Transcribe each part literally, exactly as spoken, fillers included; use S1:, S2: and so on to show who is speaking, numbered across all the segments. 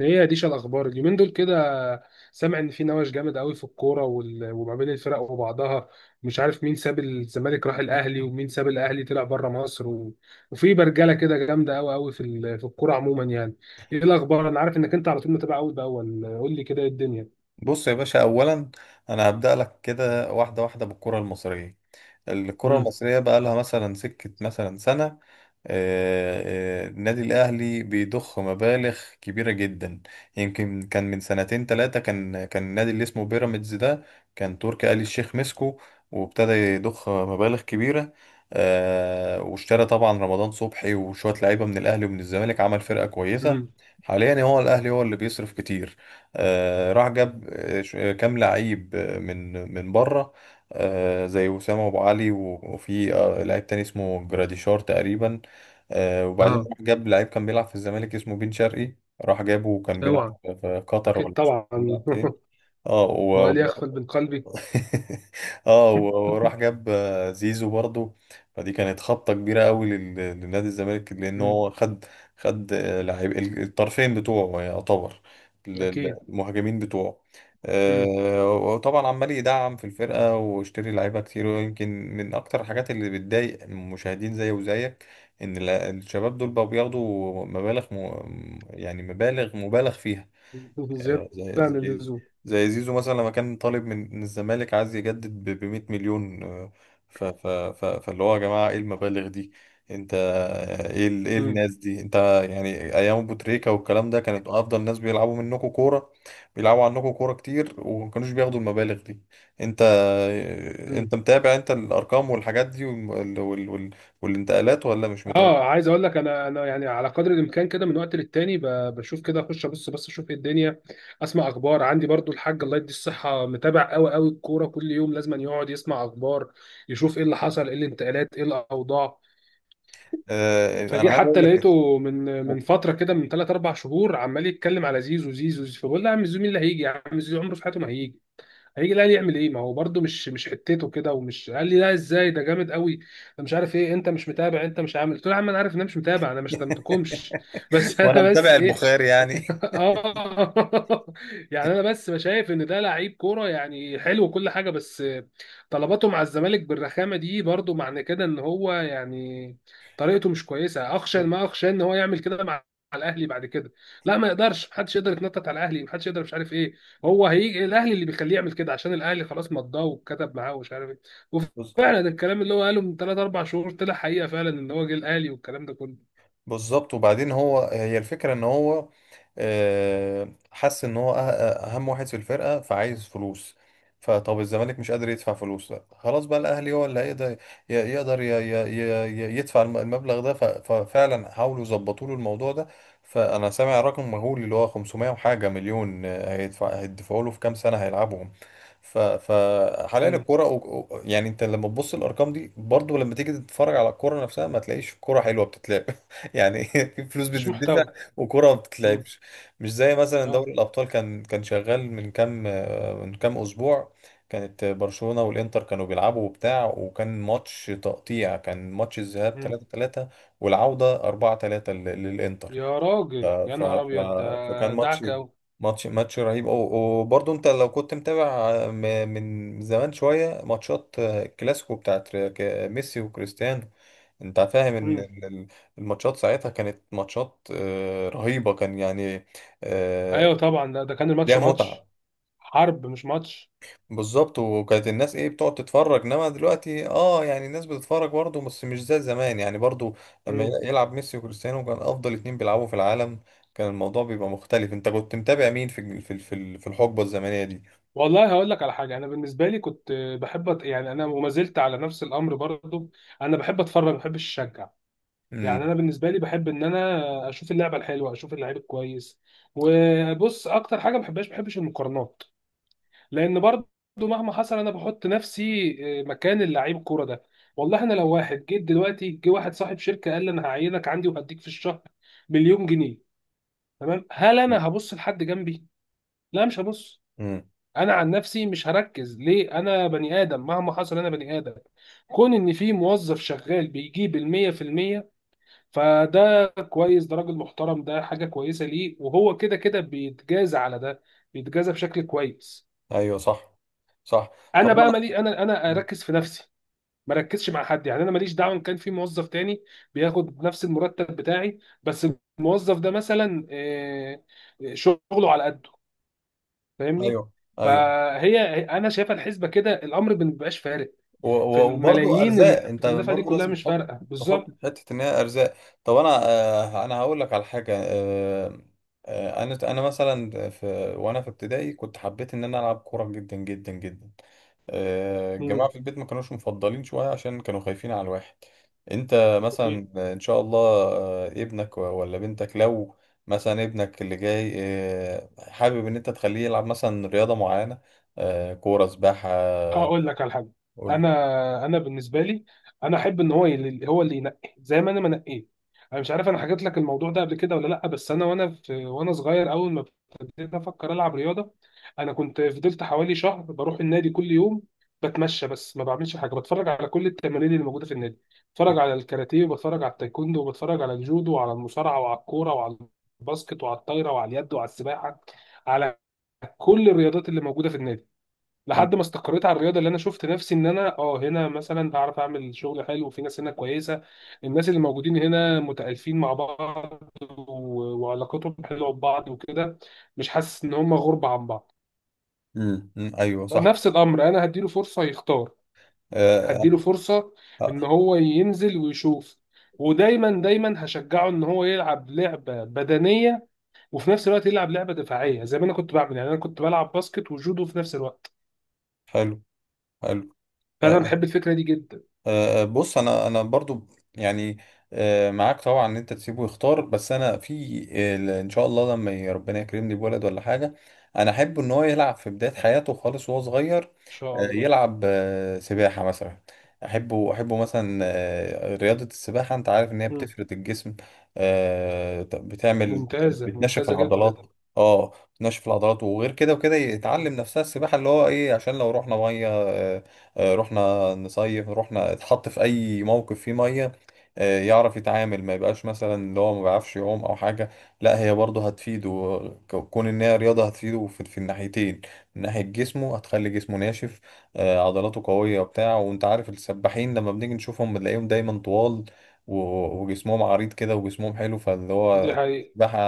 S1: هي ديش الاخبار اليومين دول كده. سامع ان في نوش جامد قوي في الكوره وال- وما بين الفرق وبعضها. مش عارف مين ساب الزمالك راح الاهلي ومين ساب الاهلي طلع بره مصر، و... وفي برجله كده جامده قوي قوي في ال- في الكوره عموما يعني. ايه الاخبار، انا عارف انك انت على طول متابع اول باول، قول لي كده ايه الدنيا.
S2: بص يا باشا، اولا انا هبدأ لك كده واحده واحده بالكره المصريه. الكرة
S1: امم.
S2: المصرية بقى لها مثلا سكة مثلا سنة. آه، آه، النادي الأهلي بيضخ مبالغ كبيرة جدا. يمكن كان من سنتين ثلاثة كان كان النادي اللي اسمه بيراميدز ده كان تركي آل الشيخ مسكه، وابتدى يضخ مبالغ كبيرة. آه، واشترى طبعا رمضان صبحي وشوية لعيبة من الأهلي ومن الزمالك، عمل فرقة
S1: امم.
S2: كويسة. حاليا هو الأهلي هو اللي بيصرف كتير. آه، راح جاب آه، ش- آه، كام لعيب آه، من من بره، آه، زي وسام ابو علي و- وفي آه، لعيب تاني اسمه جراديشار تقريبا. آه، وبعدين
S1: اه.
S2: راح جاب لعيب كان بيلعب في الزمالك اسمه بن شرقي، راح جابه، وكان بيلعب
S1: اوعى.
S2: في قطر،
S1: اكيد
S2: ولا مش عارف
S1: طبعا
S2: كان بيلعب فين. اه و-
S1: وقال
S2: آه.
S1: يغفل من قلبي.
S2: اه و- وراح جاب آه، زيزو برضه. فدي كانت خبطة كبيرة قوي لل- لنادي الزمالك، لأن
S1: مم.
S2: هو خد. خد آه، لعيب ال- الطرفين بتوعه، يعني يعتبر ال- ال-
S1: اكيد.
S2: المهاجمين بتوعه.
S1: مم.
S2: آه، وطبعا عمال يدعم في الفرقة واشتري لعيبة كتير. ويمكن من أكتر الحاجات اللي بتضايق المشاهدين زي وزيك، إن ال- الشباب دول بقوا بياخدوا مبالغ م... يعني مبالغ، مبالغ فيها.
S1: زياده
S2: آه، زي
S1: عن
S2: زي
S1: اللزوم.
S2: زي زيزو مثلا، لما كان طالب من من الزمالك، عايز يجدد ب مائة مليون. آه، ف ف ف فاللي هو يا جماعة، ايه المبالغ دي؟ انت آه، ايه ال- ايه الناس دي؟ انت يعني ايام ابو تريكة والكلام ده، كانت افضل ناس بيلعبوا منكم كورة، بيلعبوا عنكم كورة كتير، وما كانوش بياخدوا المبالغ دي. انت آه،
S1: مم.
S2: انت متابع، انت الارقام والحاجات دي والم- وال وال وال والانتقالات، ولا مش متابع؟
S1: اه عايز اقول لك، انا انا يعني على قدر الامكان كده من وقت للتاني ب- بشوف كده، اخش ابص بس اشوف ايه الدنيا، اسمع اخبار. عندي برضو الحاج الله يدي الصحه متابع قوي قوي الكوره، كل يوم لازم يقعد يسمع اخبار يشوف ايه اللي حصل، ايه الانتقالات، ايه الاوضاع.
S2: آه، انا
S1: فجه
S2: عايز اقول
S1: حتى
S2: لك.
S1: لقيته من من فتره كده من ثلاث اربع شهور عمال يتكلم على زيزو زيزو زيزو. فبقول له يا عم زيزو مين اللي هيجي، يا عم زيزو عمره في حياته ما هيجي، هيجي الاهلي يعمل ايه، ما هو برده مش مش حتته كده. ومش قال لي لا، ازاي ده جامد قوي، ده مش عارف ايه، انت مش متابع، انت مش عامل. قلت له يا عم انا عارف ان انا مش متابع، انا مش هدمتكمش بس
S2: وانا
S1: انا بس
S2: متابع
S1: ايه.
S2: البخاري
S1: اه
S2: يعني.
S1: يعني انا بس شايف ان ده لعيب كوره يعني حلو وكل حاجه، بس طلباته مع الزمالك بالرخامه دي برضو معنى كده ان هو يعني طريقته مش كويسه. اخشى ما اخشى ان هو يعمل كده مع مع الاهلي بعد كده. لا، ما يقدرش، محدش يقدر يتنطط على الاهلي، محدش يقدر، مش عارف ايه. هو هيجي الاهلي اللي بيخليه يعمل كده؟ عشان الاهلي خلاص مضاه وكتب معاه ومش عارف ايه. وفعلا ده الكلام اللي هو قاله من ثلاث اربعة شهور طلع حقيقه فعلا، ان هو جه الاهلي والكلام ده كله.
S2: بالظبط. وبعدين هو هي الفكرة، ان هو آه، حس ان هو أه- أه، اهم واحد في الفرقة، فعايز فلوس. فطب الزمالك مش قادر يدفع فلوس، لا، خلاص بقى الاهلي هو اللي هيقدر ي- يقدر ي- ي- ي- يدفع الم- المبلغ ده. ف- ففعلا حاولوا يظبطوا له الموضوع ده. فانا سامع رقم مهول، اللي هو خمسمائة وحاجة مليون، آه، هيدفع هيدفعوا له في كام سنة هيلعبهم. ف- فحاليا
S1: مم.
S2: الكرة، و- و- يعني انت لما تبص الارقام دي، برضو لما تيجي تتفرج على الكرة نفسها، ما تلاقيش كرة حلوة بتتلعب. يعني فلوس
S1: مش
S2: بتدفع
S1: محتوى.
S2: وكرة ما
S1: مم.
S2: بتتلعبش. مش زي مثلا
S1: اه.
S2: دوري الأبطال، كان كان شغال من كام، من كام أسبوع، كانت برشلونة والإنتر كانوا بيلعبوا وبتاع، وكان ماتش تقطيع. كان ماتش الذهاب تلاتة تلاتة، والعودة أربعة ثلاثة لل- للإنتر.
S1: يا
S2: ف...
S1: راجل يا
S2: ف...
S1: نهار
S2: ف...
S1: ابيض، ده
S2: فكان ماتش
S1: دعك قوي.
S2: ماتش ماتش رهيب. و- وبرضه انت لو كنت متابع م- من زمان شوية ماتشات الكلاسيكو بتاعت ك- ميسي وكريستيانو، انت فاهم ان ال- ال- الماتشات ساعتها كانت ماتشات آه، رهيبة، كان يعني آه،
S1: ايوه طبعا، ده ده كان الماتش
S2: ليها
S1: ماتش
S2: متعة.
S1: حرب مش ماتش.
S2: بالظبط. وكانت الناس ايه، بتقعد تتفرج، انما دلوقتي، اه، يعني الناس بتتفرج برضه، بس مش زي زمان يعني، برضه لما
S1: مم.
S2: يلعب ميسي وكريستيانو، كان افضل اتنين بيلعبوا في العالم، كان الموضوع بيبقى مختلف. انت كنت متابع مين في في في في الحقبة الزمنية دي؟
S1: والله هقول لك على حاجه، انا بالنسبه لي كنت بحب أت- يعني انا وما زلت على نفس الامر برضو، انا بحب اتفرج ما بحبش اشجع. يعني
S2: امم،
S1: انا بالنسبه لي بحب ان انا اشوف اللعبه الحلوه، اشوف اللعيب الكويس. وبص اكتر حاجه ما بحبهاش، ما بحبش المقارنات، لان برضه مهما حصل انا بحط نفسي آه، مكان اللعيب الكوره ده. والله انا لو واحد، جيت دلوقتي جه واحد صاحب شركه قال لي انا هعينك عندي وهديك في الشهر مليون جنيه، تمام، هل انا هبص لحد جنبي؟ لا، مش هبص.
S2: امم،
S1: انا عن نفسي مش هركز. ليه؟ انا بني ادم مهما حصل، انا بني ادم. كون ان في موظف شغال بيجيب المية في المية، فده كويس، ده راجل محترم، ده حاجة كويسة. ليه؟ وهو كده كده بيتجازى على ده، بيتجازى بشكل كويس.
S2: ايوه صح. صح. طب
S1: انا بقى
S2: انا،
S1: مالي، انا انا اركز في نفسي، ما ركزش مع حد. يعني انا ماليش دعوه ان كان في موظف تاني بياخد نفس المرتب بتاعي، بس الموظف ده مثلا آه، آه، شغله على قده، فاهمني.
S2: ايوه، ايوه.
S1: فهي انا شايفه الحسبه كده، الامر ما بيبقاش فارق
S2: و-
S1: في
S2: و- وبرضه
S1: الملايين اللي
S2: ارزاق، انت
S1: بتندفع دي
S2: برضه
S1: كلها،
S2: لازم
S1: مش
S2: تحط
S1: فارقه
S2: تحط في
S1: بالظبط.
S2: حته ان هي ارزاق. طب انا، آه، انا هقول لك على حاجه. آه، آه، انا انا مثلا في، وانا في ابتدائي، كنت حبيت ان انا العب كوره جدا جدا جدا. آه، الجماعه
S1: امم.
S2: في البيت ما كانوش مفضلين شويه، عشان كانوا خايفين على الواحد. انت مثلا، آه، ان شاء الله، آه، ابنك و- ولا بنتك، لو مثلا ابنك اللي جاي آه، حابب ان انت تخليه يلعب مثلا رياضه معينه، آه، كوره، سباحه؟
S1: هقول لك على حاجه،
S2: قول.
S1: انا انا بالنسبه لي انا احب ان هو يل- هو اللي ينقي، زي ما انا ما نقيت. انا مش عارف انا حكيت لك الموضوع ده قبل كده ولا لا، بس انا، وانا في وانا صغير، اول ما ابتديت افكر العب رياضه، انا كنت فضلت حوالي شهر بروح النادي كل يوم، بتمشى بس ما بعملش حاجه، بتفرج على كل التمارين اللي موجوده في النادي، بتفرج على الكاراتيه، وبتفرج على التايكوندو، وبتفرج على الجودو، وعلى المصارعه، وعلى الكوره، وعلى الباسكت، وعلى الطايره، وعلى اليد، وعلى السباحه، على كل الرياضات اللي موجوده في النادي، لحد ما استقريت على الرياضه اللي انا شفت نفسي ان انا اه هنا مثلا هعرف اعمل شغل حلو، في ناس هنا كويسه، الناس اللي موجودين هنا متالفين مع بعض، و- وعلاقتهم حلوه ببعض وكده، مش حاسس ان هم غربه عن بعض.
S2: امم، أمم، ايوه صح.
S1: نفس الامر، انا هديله فرصه يختار،
S2: آه آه،
S1: هديله فرصه ان
S2: آه،
S1: هو ينزل ويشوف. ودايما دايما هشجعه ان هو يلعب لعبه بدنيه، وفي نفس الوقت يلعب لعبه دفاعيه زي ما انا كنت بعمل، يعني انا كنت بلعب باسكت وجودو في نفس الوقت.
S2: حلو، حلو. آه،
S1: فانا بحب الفكره دي جدا. ان
S2: أه، بص، انا انا برضو يعني، أه، معاك طبعا ان انت تسيبه يختار. بس انا في، أه، ان شاء الله لما ي- ربنا يكرمني بولد ولا حاجه، انا احب ان هو يلعب في بدايه حياته خالص، وهو صغير.
S1: شاء
S2: أه،
S1: الله.
S2: يلعب أه، سباحه مثلا. احبه، احبه مثلا أه، رياضه السباحه. انت عارف ان هي بتفرد الجسم، أه، بتعمل
S1: ممتازة
S2: بتنشف
S1: ممتازة
S2: العضلات.
S1: جدا.
S2: اه، بتنشف العضلات. وغير كده وكده، يتعلم نفسها السباحه، اللي هو ايه، عشان لو رحنا ميه، آه، آه، رحنا نصيف، رحنا اتحط في اي موقف فيه ميه، آه، يعرف يتعامل، ما يبقاش مثلا اللي هو ما بيعرفش يعوم او حاجه. لا، هي برضه هتفيده. ك- كون ان هي رياضه، هتفيده في في الناحيتين. من ناحيه جسمه، هتخلي جسمه ناشف، آه، عضلاته قويه وبتاع. وانت عارف السباحين لما بنيجي نشوفهم بنلاقيهم دايما طوال، و- وجسمهم عريض كده، وجسمهم حلو. فاللي
S1: دي
S2: هو
S1: حقيقة.
S2: السباحه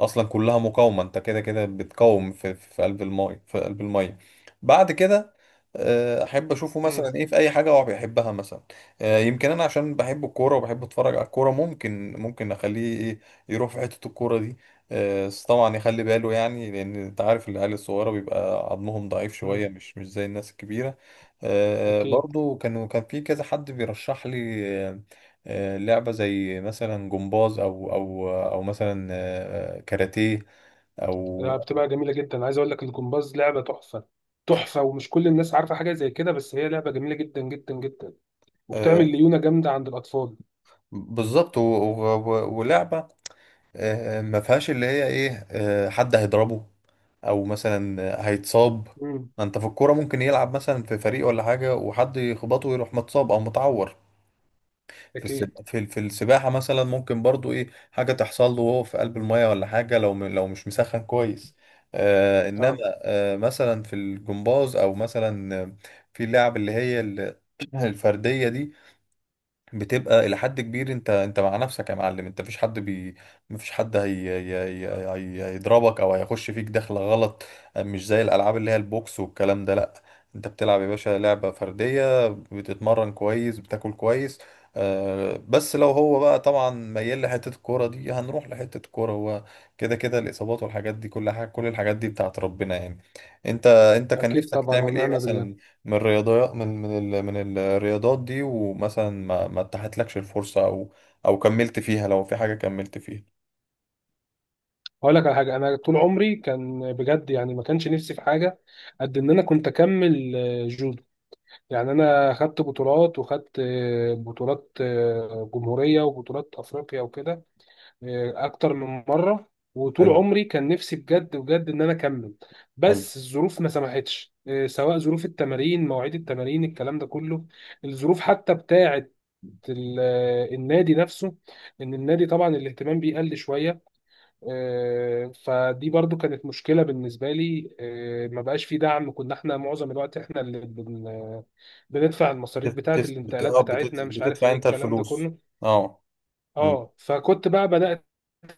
S2: اصلا كلها مقاومه، انت كده كده بتقاوم في في قلب الماء، في قلب الماء. بعد كده، آه، احب اشوفه
S1: مم.
S2: مثلا ايه، في اي حاجه هو بيحبها مثلا. آه، يمكن انا عشان بحب الكوره، وبحب اتفرج على الكوره، ممكن، ممكن اخليه ايه، يروح في حته الكوره دي. آه، بس طبعا يخلي باله، يعني لان انت عارف العيال الصغيره بيبقى عظمهم ضعيف
S1: مم.
S2: شويه، مش مش زي الناس الكبيره. آه،
S1: أكيد.
S2: برضو كانوا كان في كذا حد بيرشح لي آه، آه، لعبه زي مثلا جمباز، او او او مثلا آه، آه، كاراتيه، او،
S1: لا، بتبقى جميلة جدا، عايز أقول لك الجمباز لعبة تحفة، تحفة، ومش كل الناس عارفة حاجة زي كده، بس هي لعبة جميلة جدا جدا جدا،
S2: آه،
S1: وبتعمل ليونة جامدة عند الأطفال.
S2: بالظبط. و- و- و- ولعبة آه، ما فيهاش اللي هي ايه، آه، حد هيضربه، او مثلا هيتصاب.
S1: مم.
S2: ما انت في الكوره ممكن يلعب مثلا في فريق ولا حاجه، وحد يخبطه ويروح متصاب او متعور. في الس...
S1: أكيد.
S2: في ال- في السباحه مثلا، ممكن برضو ايه حاجه تحصل له وهو في قلب الميه ولا حاجه، لو م... لو مش مسخن كويس. آه، انما
S1: أه.
S2: آه، مثلا في الجمباز، او مثلا آه، في اللعب اللي هي ال- الفرديه دي، بتبقى الى حد كبير انت، انت مع نفسك يا معلم. انت مفيش حد بي، مفيش حد هي... هي... هي... هي... هيضربك او هيخش فيك دخله غلط. مش زي الالعاب اللي هي البوكس والكلام ده. لا، انت بتلعب يا باشا لعبه فرديه، بتتمرن كويس، بتاكل كويس. آه، بس لو هو بقى طبعا ميال لحته الكوره دي، هنروح لحته الكوره. هو كده كده الاصابات والحاجات دي، كل حاجه، كل الحاجات دي بتاعت ربنا يعني. انت، انت كان
S1: أكيد
S2: نفسك
S1: طبعا
S2: تعمل ايه
S1: ونعم بالله.
S2: مثلا من الرياضيات، من من ال... من الرياضات دي، ومثلا ما ما اتاحتلكش الفرصة، او او كملت فيها، لو في حاجة كملت فيها؟
S1: هقول لك على حاجة، أنا طول عمري كان بجد يعني ما كانش نفسي في حاجة قد إن أنا كنت أكمل آه، جودو. يعني أنا خدت بطولات، وخدت آه، بطولات آه، جمهورية، وبطولات أفريقيا وكده، اكتر من مره. وطول
S2: حلو،
S1: عمري كان نفسي بجد بجد ان انا اكمل،
S2: حلو.
S1: بس الظروف ما سمحتش، إيه، سواء ظروف التمارين، مواعيد التمارين، الكلام ده كله. الظروف حتى بتاعه ال- آه، النادي نفسه، ان النادي طبعا الاهتمام بيه قل شويه، إيه، فدي برضو كانت مشكله بالنسبه لي، إيه، ما بقاش في دعم. كنا احنا معظم الوقت احنا اللي بن- بندفع المصاريف
S2: بت...
S1: بتاعه
S2: بتس- بت...
S1: الانتقالات
S2: آه، بتت...
S1: بتاعتنا، مش عارف
S2: بتدفع
S1: ايه
S2: انت
S1: الكلام ده
S2: الفلوس؟
S1: كله.
S2: اه. مم.
S1: اه فكنت بقى بدات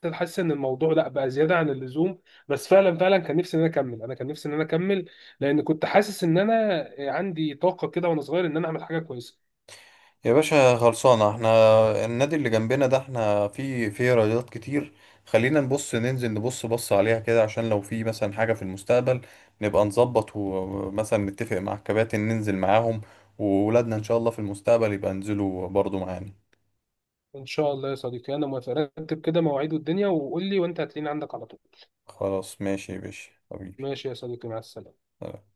S1: احس ان الموضوع لا بقى زياده عن اللزوم. بس فعلا فعلا كان نفسي ان انا اكمل، انا كان نفسي ان انا اكمل، لان كنت حاسس ان انا عندي طاقه كده وانا صغير، ان انا اعمل حاجه كويسه.
S2: يا باشا، خلصانة احنا، النادي اللي جنبنا ده، احنا في في رياضات كتير. خلينا نبص، ننزل نبص، بص عليها كده، عشان لو في مثلا حاجة في المستقبل نبقى نظبط، ومثلا نتفق مع الكباتن، ننزل معاهم، وولادنا ان شاء الله في المستقبل يبقى ينزلوا برضو معانا.
S1: ان شاء الله يا صديقي، انا موافق، رتب كده مواعيد الدنيا وقول لي وانت هتلاقيني عندك على طول.
S2: خلاص، ماشي يا باشا حبيبي.
S1: ماشي يا صديقي، مع السلامه.
S2: سلام.